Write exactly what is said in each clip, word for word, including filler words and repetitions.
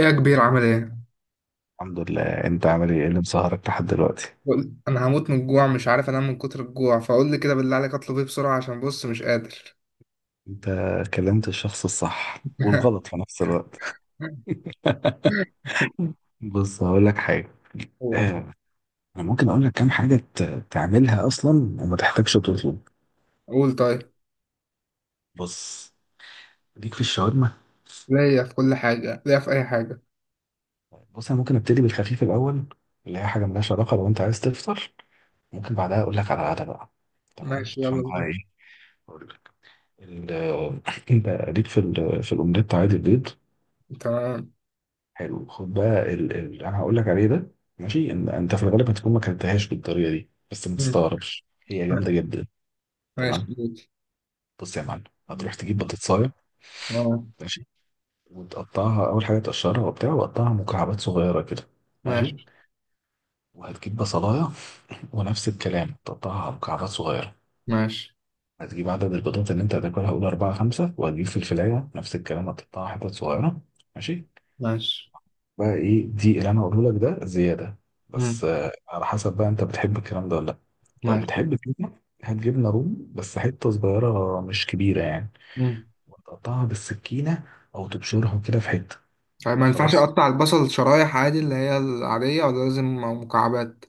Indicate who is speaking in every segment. Speaker 1: ايه يا كبير، عامل ايه؟
Speaker 2: الحمد لله، انت عامل ايه؟ إيه اللي مسهرك لحد دلوقتي؟
Speaker 1: بقول- انا هموت من الجوع، مش عارف انام من كتر الجوع. فقول لي كده بالله عليك، اطلب ايه بسرعة عشان بص مش قادر.
Speaker 2: انت كلمت الشخص الصح والغلط في نفس الوقت. بص هقول لك حاجه.
Speaker 1: قول.
Speaker 2: اه، انا ممكن اقول لك كام حاجه ت- تعملها اصلا وما تحتاجش تطلب.
Speaker 1: قول طيب.
Speaker 2: بص، ليك في الشاورما.
Speaker 1: ليا في كل حاجة، ليا في اي حاجة.
Speaker 2: بص، انا ممكن ابتدي بالخفيف الاول، اللي هي حاجه ملهاش علاقه لو انت عايز تفطر. ممكن بعدها اقول لك على العادة بقى، تمام؟
Speaker 1: ماشي
Speaker 2: عشان
Speaker 1: يلا
Speaker 2: بقى
Speaker 1: بينا.
Speaker 2: ايه اقول لك. ال- انت ليك في ال- في الاومليت عادي، البيض.
Speaker 1: تمام.
Speaker 2: حلو، خد بقى ال... ال... انا هقول لك عليه ده. ماشي، إن... انت في الغالب هتكون ما كلتهاش بالطريقه دي، بس ما
Speaker 1: مم.
Speaker 2: تستغربش. هي جامده جدا،
Speaker 1: ماشي
Speaker 2: تمام.
Speaker 1: ماشي.
Speaker 2: بص يا معلم، هتروح تجيب بطاطسايه،
Speaker 1: اه.
Speaker 2: ماشي. وتقطعها، اول حاجه تقشرها وبتاع، وتقطعها مكعبات صغيره كده، ماشي.
Speaker 1: ماشي
Speaker 2: وهتجيب بصلايه، ونفس الكلام تقطعها على مكعبات صغيره.
Speaker 1: ماشي
Speaker 2: هتجيب عدد البيضات اللي انت هتاكلها، قول اربعه خمسه، وهتجيب فلفلايه، نفس الكلام هتقطعها حتت صغيره، ماشي.
Speaker 1: ماشي.
Speaker 2: بقى ايه دي اللي انا هقوله لك ده زياده، بس
Speaker 1: مم.
Speaker 2: آه، على حسب بقى انت بتحب الكلام ده ولا لا. لو
Speaker 1: ماشي.
Speaker 2: بتحب كده، هات جبنه رومي، بس حته صغيره مش كبيره يعني.
Speaker 1: مم.
Speaker 2: وتقطعها بالسكينه، او تبشرها كده في حته.
Speaker 1: طيب، ما ينفعش
Speaker 2: خلاص،
Speaker 1: اقطع البصل شرايح عادي اللي هي العادية، ولا لازم مكعبات؟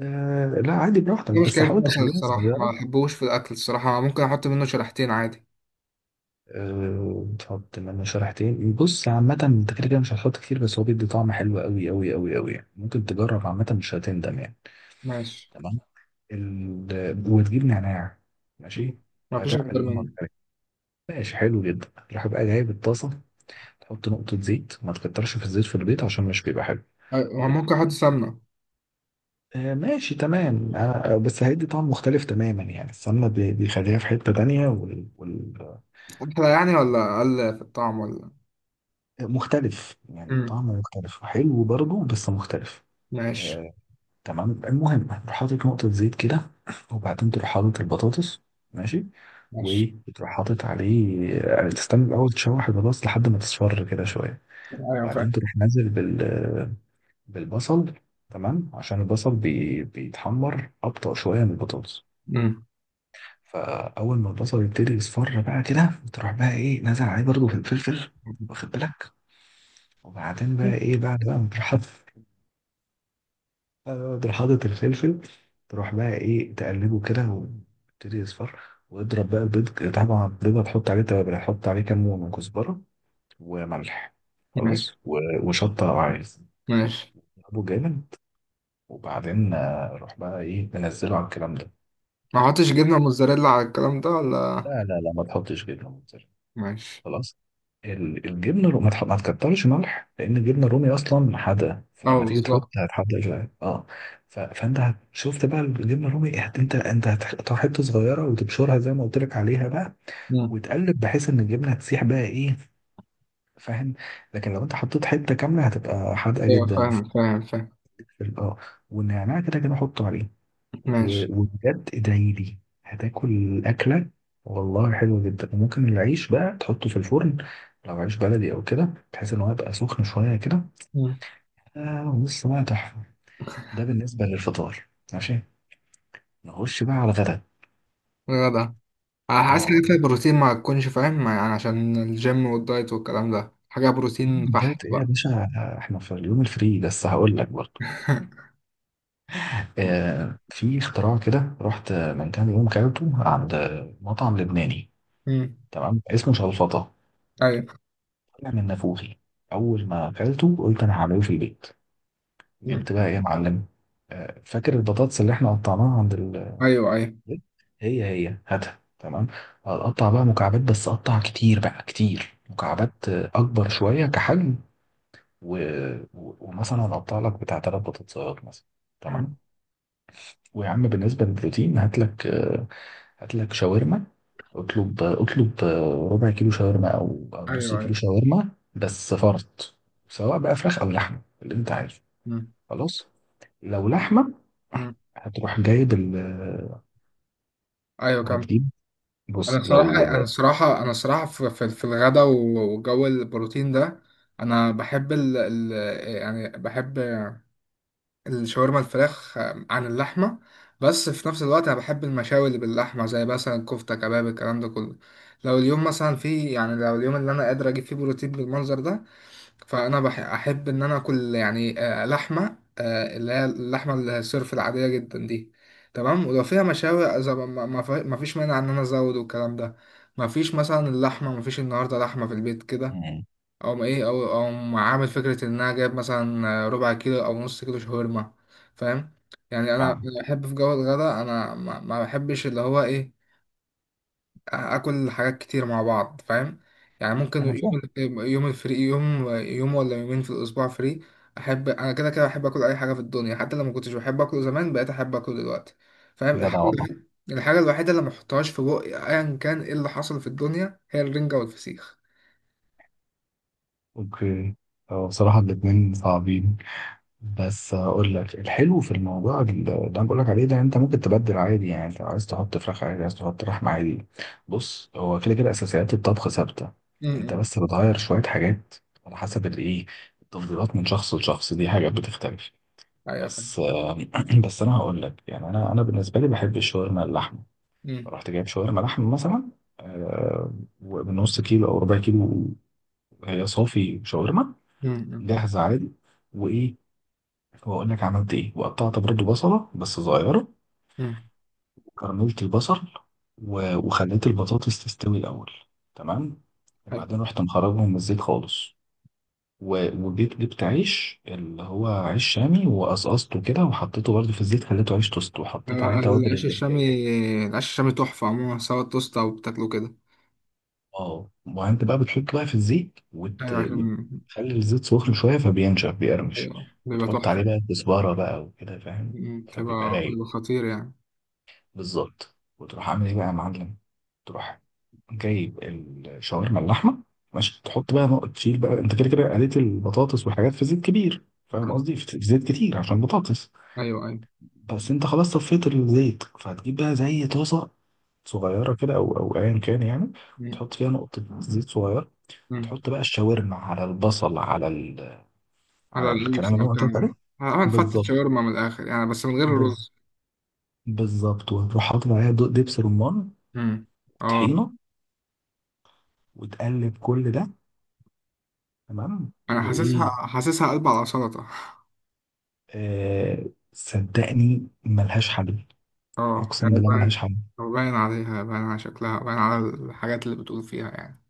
Speaker 2: آه لا، عادي براحتك،
Speaker 1: دي
Speaker 2: بس
Speaker 1: مشكلة، في
Speaker 2: حاول
Speaker 1: البصل
Speaker 2: تخليها
Speaker 1: الصراحة ما
Speaker 2: صغيره.
Speaker 1: بحبوش في الأكل الصراحة. ممكن أحط منه شريحتين عادي.
Speaker 2: آه، تحط منها شريحتين. بص عامه، انت كده كده مش هتحط كتير، بس هو بيدي طعم حلو قوي قوي قوي قوي يعني. ممكن تجرب، عامه مش هتندم يعني.
Speaker 1: ماشي.
Speaker 2: تمام. ال... وتجيب نعناع، ماشي.
Speaker 1: ما فيش
Speaker 2: وهتعمل
Speaker 1: اكتر
Speaker 2: اللي أنا
Speaker 1: منه.
Speaker 2: قلت لك. ماشي، حلو جدا. تروح بقى جايب الطاسة. تحط نقطة زيت، ما تكترش في الزيت في البيض عشان مش بيبقى حلو.
Speaker 1: أيوة، هو
Speaker 2: و-
Speaker 1: ممكن احط سمنه؟
Speaker 2: آه، ماشي تمام. آه، آه، بس هيدي طعم مختلف تماما يعني. السمنة بي- بيخليها في حتة تانية وال... وال...
Speaker 1: احلى يعني، ولا اقل في الطعم، ولا؟
Speaker 2: آه، مختلف يعني،
Speaker 1: امم.
Speaker 2: طعمه مختلف حلو برضه بس مختلف.
Speaker 1: ماشي.
Speaker 2: آه، تمام، المهم تروح حاطط نقطة زيت كده. وبعدين تروح حاطط البطاطس، ماشي.
Speaker 1: ماشي.
Speaker 2: وتروح حاطط عليه، آه، تستنى الأول تشوح البطاطس لحد ما تصفر كده شوية.
Speaker 1: ايوه
Speaker 2: وبعدين
Speaker 1: فاهم.
Speaker 2: تروح نازل بال بالبصل. تمام، عشان البصل بي... بيتحمر أبطأ شوية من البطاطس.
Speaker 1: امم.
Speaker 2: فأول ما البصل يبتدي يصفر بقى كده، تروح بقى إيه نازل عليه برضه في الفلفل، واخد بالك. وبعدين بقى إيه، بعد بقى ما تروح حاطط آه، تروح حاطط الفلفل. تروح بقى إيه تقلبه كده، ويبتدي يصفر. واضرب بقى البيض. طبعا البيض هتحط عليه توابل، هتحط عليه كمون وكزبرة وملح،
Speaker 1: ماشي
Speaker 2: خلاص و... وشطة لو عايز.
Speaker 1: ماشي.
Speaker 2: اضربه جامد. وبعدين آه، روح بقى ايه منزله على الكلام ده.
Speaker 1: ما احطش جبنه موتزاريلا على الكلام ده، ولا؟
Speaker 2: لا لا لا، ما تحطش جبنه موتزاريلا.
Speaker 1: ماشي.
Speaker 2: خلاص. ال- الجبنه الرومي ما تح- ما تكترش ملح، لان الجبنه الرومي اصلا حادقه،
Speaker 1: اه
Speaker 2: فلما تيجي تحط
Speaker 1: بالظبط.
Speaker 2: هتحدق شويه، اه. ف... فانت هت- شفت بقى الجبنه الرومي هت... انت انت هتحطها حته صغيره، وتبشرها زي ما قلت لك عليها بقى.
Speaker 1: مم.
Speaker 2: وتقلب بحيث ان الجبنه تسيح بقى، ايه فاهم. لكن لو انت حطيت حته كامله، هتبقى حادقه
Speaker 1: ايوه
Speaker 2: جدا في
Speaker 1: فاهم فاهم فاهم.
Speaker 2: في ال- اه والنعناع كده كده حطه عليه. و-
Speaker 1: ماشي.
Speaker 2: وبجد ادعي لي. هتاكل اكله والله حلوه جدا. وممكن العيش بقى تحطه في الفرن، لو عيش بلدي او كده، بحيث ان هو يبقى سخن شويه كده.
Speaker 1: مم.
Speaker 2: آه، ولسه بقى تحفه. ده بالنسبه للفطار، ماشي. نخش بقى على الغدا.
Speaker 1: غدا. عايز حاجه
Speaker 2: اه،
Speaker 1: فيها بروتين، ما تكونش فاهم ما- يعني عشان الجيم والدايت والكلام ده، حاجه
Speaker 2: اليوم
Speaker 1: بروتين
Speaker 2: ده
Speaker 1: بحت
Speaker 2: ايه يا
Speaker 1: بقى.
Speaker 2: باشا؟ احنا في اليوم الفري، بس هقول لك برضه. آه في اختراع كده، رحت من كام يوم كلته عند مطعم لبناني.
Speaker 1: مم.
Speaker 2: تمام، اسمه شلفطه.
Speaker 1: ايوه.
Speaker 2: طلع من نافوخي. اول ما اكلته قلت انا هعمله في البيت.
Speaker 1: مم.
Speaker 2: جبت بقى ايه يا معلم. آه، فاكر البطاطس اللي احنا قطعناها عند ال
Speaker 1: ايوه ايوه.
Speaker 2: هي هي، هاتها، تمام. هتقطع بقى مكعبات، بس قطع كتير بقى، كتير مكعبات، آه، اكبر شويه كحجم. و... و... ومثلا هنقطع لك بتاع ثلاث بطاطسات مثلا،
Speaker 1: مم.
Speaker 2: تمام. ويا عم، بالنسبه للبروتين، هات لك آه، هات لك شاورما. اطلب اطلب، آه، ربع كيلو شاورما او او نص
Speaker 1: ايوه ايوه.
Speaker 2: كيلو شاورما، بس فرط. سواء بقى فراخ او لحمه، اللي انت عايزه.
Speaker 1: مم.
Speaker 2: خلاص. لو لحمة
Speaker 1: مم.
Speaker 2: هتروح جايب ال
Speaker 1: ايوه كم؟
Speaker 2: هتجيب.
Speaker 1: انا
Speaker 2: بص
Speaker 1: الصراحه
Speaker 2: لو.
Speaker 1: انا الصراحه انا الصراحه في, في, في الغدا و- وجو البروتين ده. انا بحب ال... ال... يعني بحب الشاورما الفراخ عن اللحمة. بس في نفس الوقت أنا بحب المشاوي اللي باللحمة، زي مثلا كفتة، كباب، الكلام ده كله. لو اليوم مثلا فيه، يعني لو اليوم اللي أنا قادر أجيب فيه بروتين بالمنظر ده، فأنا بح- أحب إن أنا آكل، يعني آه، لحمة، آه، اللي هي اللحمة الصرف العادية جدا دي. تمام. ولو فيها مشاوي، إذا ما ما- ما في- ما فيش مانع إن أنا أزود والكلام ده. ما فيش مثلا اللحمة، ما فيش النهاردة لحمة في البيت كده.
Speaker 2: مم.
Speaker 1: او ايه، او او عامل فكره ان انا جايب مثلا ربع كيلو او نص كيلو شاورما. فاهم؟ يعني انا
Speaker 2: فاهم.
Speaker 1: أنا بحب في جو الغداء، انا ما ما بحبش اللي هو ايه، اكل حاجات كتير مع بعض، فاهم؟ يعني ممكن
Speaker 2: أنا فاهم.
Speaker 1: يوم يوم الفري، يوم يوم ولا يومين في الاسبوع فري. احب، انا كده كده بحب اكل اي حاجه في الدنيا، حتى لو ما كنتش بحب اكله زمان بقيت احب اكله دلوقتي. فاهم؟
Speaker 2: جدع
Speaker 1: الحاجه
Speaker 2: والله.
Speaker 1: الوحيده الحاجة الوحيدة اللي ما احطهاش في بقي ايا كان ايه اللي حصل في الدنيا، هي الرنجة والفسيخ.
Speaker 2: أوكي. هو بصراحة الاتنين صعبين. بس أقول لك، الحلو في الموضوع ال- اللي أنا بقول لك عليه ده، أنت ممكن تبدل عادي يعني. أنت عايز تحط فراخ عادي، عايز تحط لحمة عادي. بص، هو كده كده أساسيات الطبخ ثابتة. أنت
Speaker 1: امم.
Speaker 2: بس بتغير شوية حاجات، على حسب الإيه، التفضيلات من شخص لشخص، دي حاجات بتختلف.
Speaker 1: ايوه فاهم.
Speaker 2: بس بس انا هقول لك يعني، انا انا بالنسبه لي بحب الشاورما اللحمه.
Speaker 1: امم.
Speaker 2: فرحت جايب شاورما لحمه مثلا، آه، ومن نص كيلو او ربع كيلو. هي صافي شاورما
Speaker 1: امم، امم.
Speaker 2: جاهزه عادي. وايه، واقول لك عملت ايه. وقطعت برضو بصله بس صغيره.
Speaker 1: مم.
Speaker 2: وكرملت البصل. و- وخليت البطاطس تستوي الاول، تمام.
Speaker 1: أيوة.
Speaker 2: وبعدين رحت مخرجهم من الزيت خالص. و- وجيت جبت عيش، اللي هو عيش شامي، وقصقصته كده وحطيته برضه في الزيت، خليته عيش توست، وحطيت عليه
Speaker 1: آه،
Speaker 2: توابل،
Speaker 1: العيش
Speaker 2: اللي هي
Speaker 1: الشامي.
Speaker 2: ايه.
Speaker 1: العيش الشامي تحفة عموما، سواء توست أو بتاكله كده.
Speaker 2: اه، ما انت بقى بتحط بقى في الزيت، وت...
Speaker 1: أيوة
Speaker 2: وت-
Speaker 1: عشان.
Speaker 2: وتخلي الزيت سخن شويه فبينشف، بيقرمش.
Speaker 1: أيوة بيبقى
Speaker 2: وتحط عليه
Speaker 1: تحفة.
Speaker 2: بقى كزبره بقى وكده، فاهم.
Speaker 1: مم،
Speaker 2: فبيبقى
Speaker 1: بتبقى
Speaker 2: رايق.
Speaker 1: بيبقى خطير يعني.
Speaker 2: بالظبط، وتروح عامل ايه بقى يا معلم. تروح جايب الشاورما اللحمه، ماشي. تحط بقى نقط، تشيل بقى، انت كده كده قليت البطاطس والحاجات في زيت كبير، فاهم.
Speaker 1: آه،
Speaker 2: قصدي في زيت كتير عشان بطاطس.
Speaker 1: أيوة أيوة.
Speaker 2: بس انت خلاص صفيت الزيت، فهتجيب بقى زي طاسه صغيره كده، او او ايا كان يعني.
Speaker 1: مم،
Speaker 2: تحط فيها نقطه زيت صغيره.
Speaker 1: مم.
Speaker 2: وتحط بقى الشاورما على البصل، على ال...
Speaker 1: على
Speaker 2: على الكلام
Speaker 1: العيش
Speaker 2: اللي انا
Speaker 1: أو
Speaker 2: قلت لك عليه.
Speaker 1: كده. أعمل فتة
Speaker 2: بالظبط،
Speaker 1: شاورما من الآخر يعني، بس من غير
Speaker 2: بز...
Speaker 1: الرز.
Speaker 2: بالظبط وتروح حاطط عليها دو- دبس رمان.
Speaker 1: مم. اه.
Speaker 2: وطحينه، وتقلب كل ده، تمام.
Speaker 1: أنا
Speaker 2: وايه.
Speaker 1: حاسسها حاسسها قلب على سلطة.
Speaker 2: آه... صدقني ملهاش حل.
Speaker 1: اه
Speaker 2: اقسم
Speaker 1: يعني
Speaker 2: بالله ملهاش
Speaker 1: باين.
Speaker 2: حل.
Speaker 1: باين عليها، باين على شكلها، باين على الحاجات اللي بتقول فيها يعني.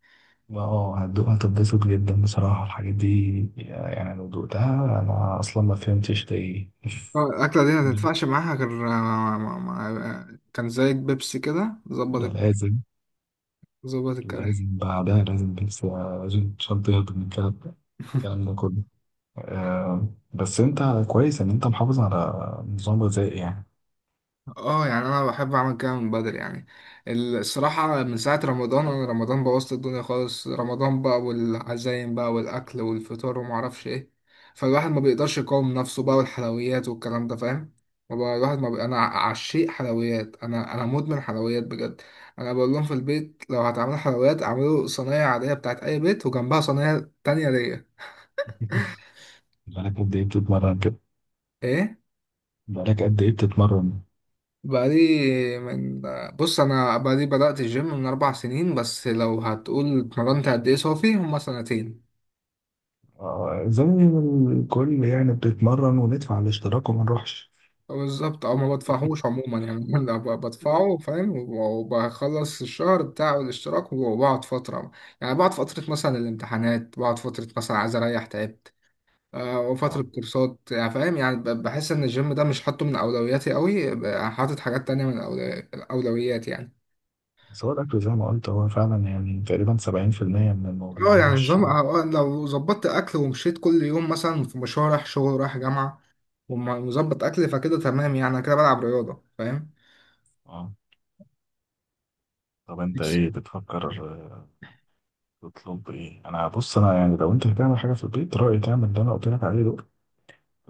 Speaker 2: اه، هتدوق هتتبسط جدا بصراحة الحاجات دي يعني. لو دوقتها أنا أصلا ما فهمتش ده إيه.
Speaker 1: اه، الأكلة دي ما
Speaker 2: ده
Speaker 1: تنفعش معاها غير مع... مع... مع... كان زي بيبسي كده
Speaker 2: ده
Speaker 1: ظبط.
Speaker 2: لازم،
Speaker 1: ظبط الكلام.
Speaker 2: لازم بعدها لازم، بس آه، لازم عشان تهضم من الكلام ده، الكلام ده كله. آه، بس أنت كويس إن أنت محافظ على نظام غذائي يعني.
Speaker 1: اه يعني انا بحب اعمل كده من بدري يعني. الصراحة من ساعة رمضان، انا رمضان بوظت الدنيا خالص. رمضان بقى والعزايم بقى والاكل والفطار وما اعرفش ايه. فالواحد ما بيقدرش يقاوم نفسه بقى، والحلويات والكلام ده، فاهم؟ ما بقى الواحد ما بي... انا عشيق حلويات، انا انا مدمن حلويات بجد. انا بقول لهم في البيت، لو هتعملوا حلويات اعملوا صينية عادية بتاعت اي بيت، وجنبها صينية تانية ليا.
Speaker 2: بقالك قد إيه بتتمرن كده؟
Speaker 1: ايه؟
Speaker 2: بقالك قد إيه بتتمرن؟
Speaker 1: بقالي من بص، انا بقالي بدأت الجيم من اربع سنين، بس لو هتقول اتمرنت قد ايه صافي، هما سنتين.
Speaker 2: آه، زي ما الكل يعني، بتتمرن وندفع الاشتراك وما نروحش.
Speaker 1: بالظبط، او ما بدفعهوش عموما يعني. أنا ب- بدفعه، فاهم، وبخلص الشهر بتاع الاشتراك وبقعد فترة. يعني بقعد فترة مثلا الامتحانات، بقعد فترة مثلا عايز اريح تعبت. آه، وفترة
Speaker 2: اه،
Speaker 1: كورسات يعني، فاهم، يعني ب- بحس ان الجيم ده مش حاطه من اولوياتي قوي، ب- حاطط حاجات تانية من أولو- الاولويات يعني.
Speaker 2: بس هو الأكل زي ما قلت، هو فعلا يعني تقريبا سبعين في المية من
Speaker 1: اه
Speaker 2: الموضوع،
Speaker 1: يعني
Speaker 2: مش.
Speaker 1: نظام، آه، آه، لو ظبطت اكل ومشيت كل يوم مثلا في مشوار رايح شغل، رايح جامعه، ومظبط اكل، فكده تمام يعني. أنا كده بلعب رياضه، فاهم.
Speaker 2: اه، طب انت
Speaker 1: بس
Speaker 2: ايه بتفكر آه، تطلب ايه؟ انا، بص انا يعني، لو انت هتعمل حاجة في البيت، رأيي تعمل اللي انا قلت لك عليه دول.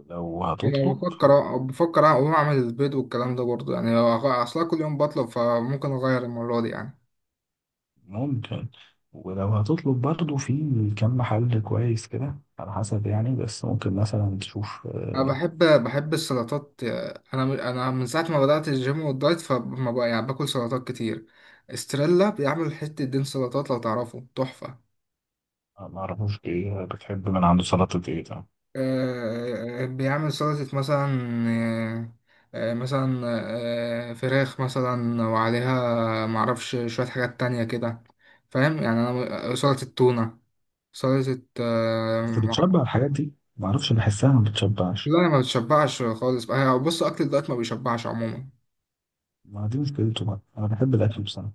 Speaker 2: لو
Speaker 1: يعني انا
Speaker 2: هتطلب
Speaker 1: بفكر آه، بفكر اقوم اعمل البيض والكلام ده برضه يعني، لو أغ- اصلا كل يوم بطلب فممكن اغير المره دي يعني.
Speaker 2: ممكن. ولو هتطلب برضه، في كم محل كويس كده على حسب يعني، بس ممكن مثلا تشوف.
Speaker 1: انا بحب بحب السلطات. آه، انا من- انا من ساعه ما بدات الجيم والدايت، فما بقى يعني باكل سلطات كتير. استريلا بيعمل حته دين سلطات، لو تعرفه تحفه.
Speaker 2: آه، ما اعرفوش ايه بتحب من عنده، سلطة ايه ده.
Speaker 1: آه، آه، بيعمل سلطة مثلا. آه، آه، مثلا آه، فراخ مثلا، وعليها معرفش شوية حاجات تانية كده. فاهم يعني، أنا سلطة تونة، سلطة آه،
Speaker 2: بس
Speaker 1: مع-
Speaker 2: بتشبع الحاجات دي؟ ما اعرفش، بحسها ما بتشبعش.
Speaker 1: لا أنا ما بتشبعش خالص بقى. هي- بص، أكل الدايت ما بيشبعش عموما.
Speaker 2: ما دي مشكلته بقى، انا بحب الاكل بصراحة.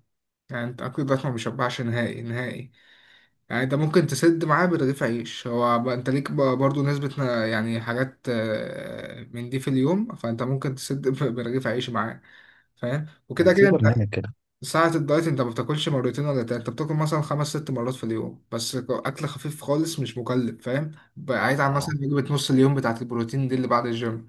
Speaker 1: يعني أنت أكل الدايت ما بيشبعش نهائي نهائي. يعني أنت ممكن تسد معاه برغيف عيش، هو بقى أنت ليك بقى برضو نسبة ن- يعني حاجات آه، من دي في اليوم، فأنت ممكن تسد برغيف عيش معاه. فاهم؟
Speaker 2: كان
Speaker 1: وكده
Speaker 2: يعني في
Speaker 1: كده انت
Speaker 2: برنامج كده،
Speaker 1: ساعة الدايت انت ما بتاكلش مرتين ولا تلاتة، انت بتاكل مثلا خمس ست مرات في اليوم، بس اكل خفيف خالص مش مكلف، فاهم؟ بعيد عن مثلا
Speaker 2: اه
Speaker 1: وجبة نص اليوم بتاعة البروتين دي اللي بعد الجيم.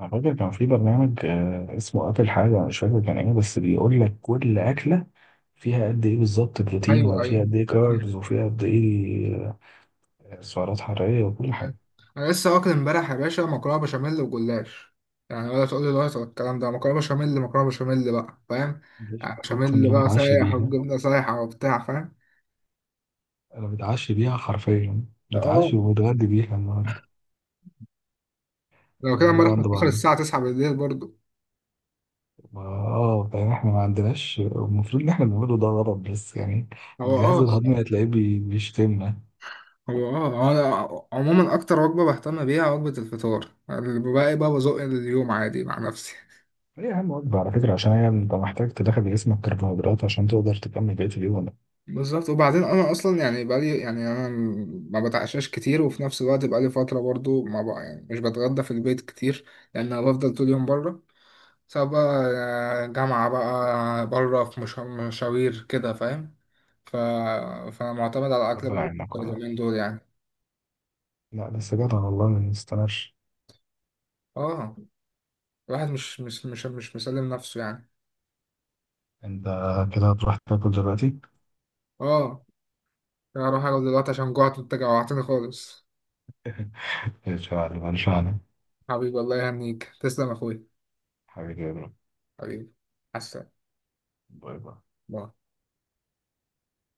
Speaker 2: انا فاكر كان في برنامج آه، اسمه اكل حاجه، مش فاكر كان ايه، بس بيقول لك كل اكله فيها قد ايه بالظبط بروتين،
Speaker 1: ايوه
Speaker 2: ولا فيها
Speaker 1: ايوه
Speaker 2: قد ايه
Speaker 1: ايوه،
Speaker 2: كاربز، وفيها قد ايه. آه، سعرات حراريه وكل
Speaker 1: أيوة.
Speaker 2: حاجه.
Speaker 1: انا لسه واكل امبارح يا باشا مكرونة بشاميل وجلاش. يعني ولا تقول لي دايت ولا الكلام ده، مكرونة بشاميل، مكرونة بشاميل بقى، فاهم؟
Speaker 2: مفيش،
Speaker 1: يعني
Speaker 2: اقسم
Speaker 1: بشاميل
Speaker 2: بالله
Speaker 1: بقى
Speaker 2: متعشى
Speaker 1: سايح
Speaker 2: بيها.
Speaker 1: والجبنة سايحة وبتاع، فاهم؟
Speaker 2: انا متعشى بيها حرفيا،
Speaker 1: اه.
Speaker 2: متعشى ومتغدى بيها النهارده.
Speaker 1: لو كده
Speaker 2: الجروب
Speaker 1: امبارح
Speaker 2: عند
Speaker 1: متأخر
Speaker 2: بعض.
Speaker 1: الساعة التاسعة بالليل برضو.
Speaker 2: ما- اه يعني احنا ما عندناش، المفروض ان احنا بنعمله ده غلط، بس يعني
Speaker 1: هو
Speaker 2: الجهاز
Speaker 1: اه
Speaker 2: الهضمي هتلاقيه بي- بيشتمنا.
Speaker 1: هو اه هو انا عموما اكتر وجبه بهتم بيها وجبه الفطار، الباقي بقى بزق اليوم عادي مع نفسي.
Speaker 2: هي أهم وجبة على فكرة، عشان هي أنت محتاج تدخل جسمك كربوهيدرات عشان تقدر تكمل بقية اليوم.
Speaker 1: بالظبط. وبعدين انا اصلا يعني بقالي، يعني انا ما بتعشاش كتير، وفي نفس الوقت بقالي فتره برضو ما بقى يعني مش بتغدى في البيت كتير، لان انا بفضل طول اليوم بره. سواء بقى آه، جامعه بقى بره، في مشا- مشاوير كده، فاهم. ف... فانا معتمد على اكل
Speaker 2: ربنا
Speaker 1: بره
Speaker 2: يعينك والله.
Speaker 1: اليومين دول يعني.
Speaker 2: لا بس جدع والله، ما تستناش.
Speaker 1: اه. الواحد مش مش مش مش مسلم نفسه يعني.
Speaker 2: أنت كده هتروح تاكل دلوقتي،
Speaker 1: اه، أنا هروح اقعد دلوقتي عشان جوعت، وانت جوعتني خالص.
Speaker 2: إن شاء الله إن شاء الله.
Speaker 1: حبيبي والله يهنيك، تسلم يا اخويا.
Speaker 2: حبيبي يا برو،
Speaker 1: حبيبي. مع السلامة.
Speaker 2: باي باي.
Speaker 1: باي.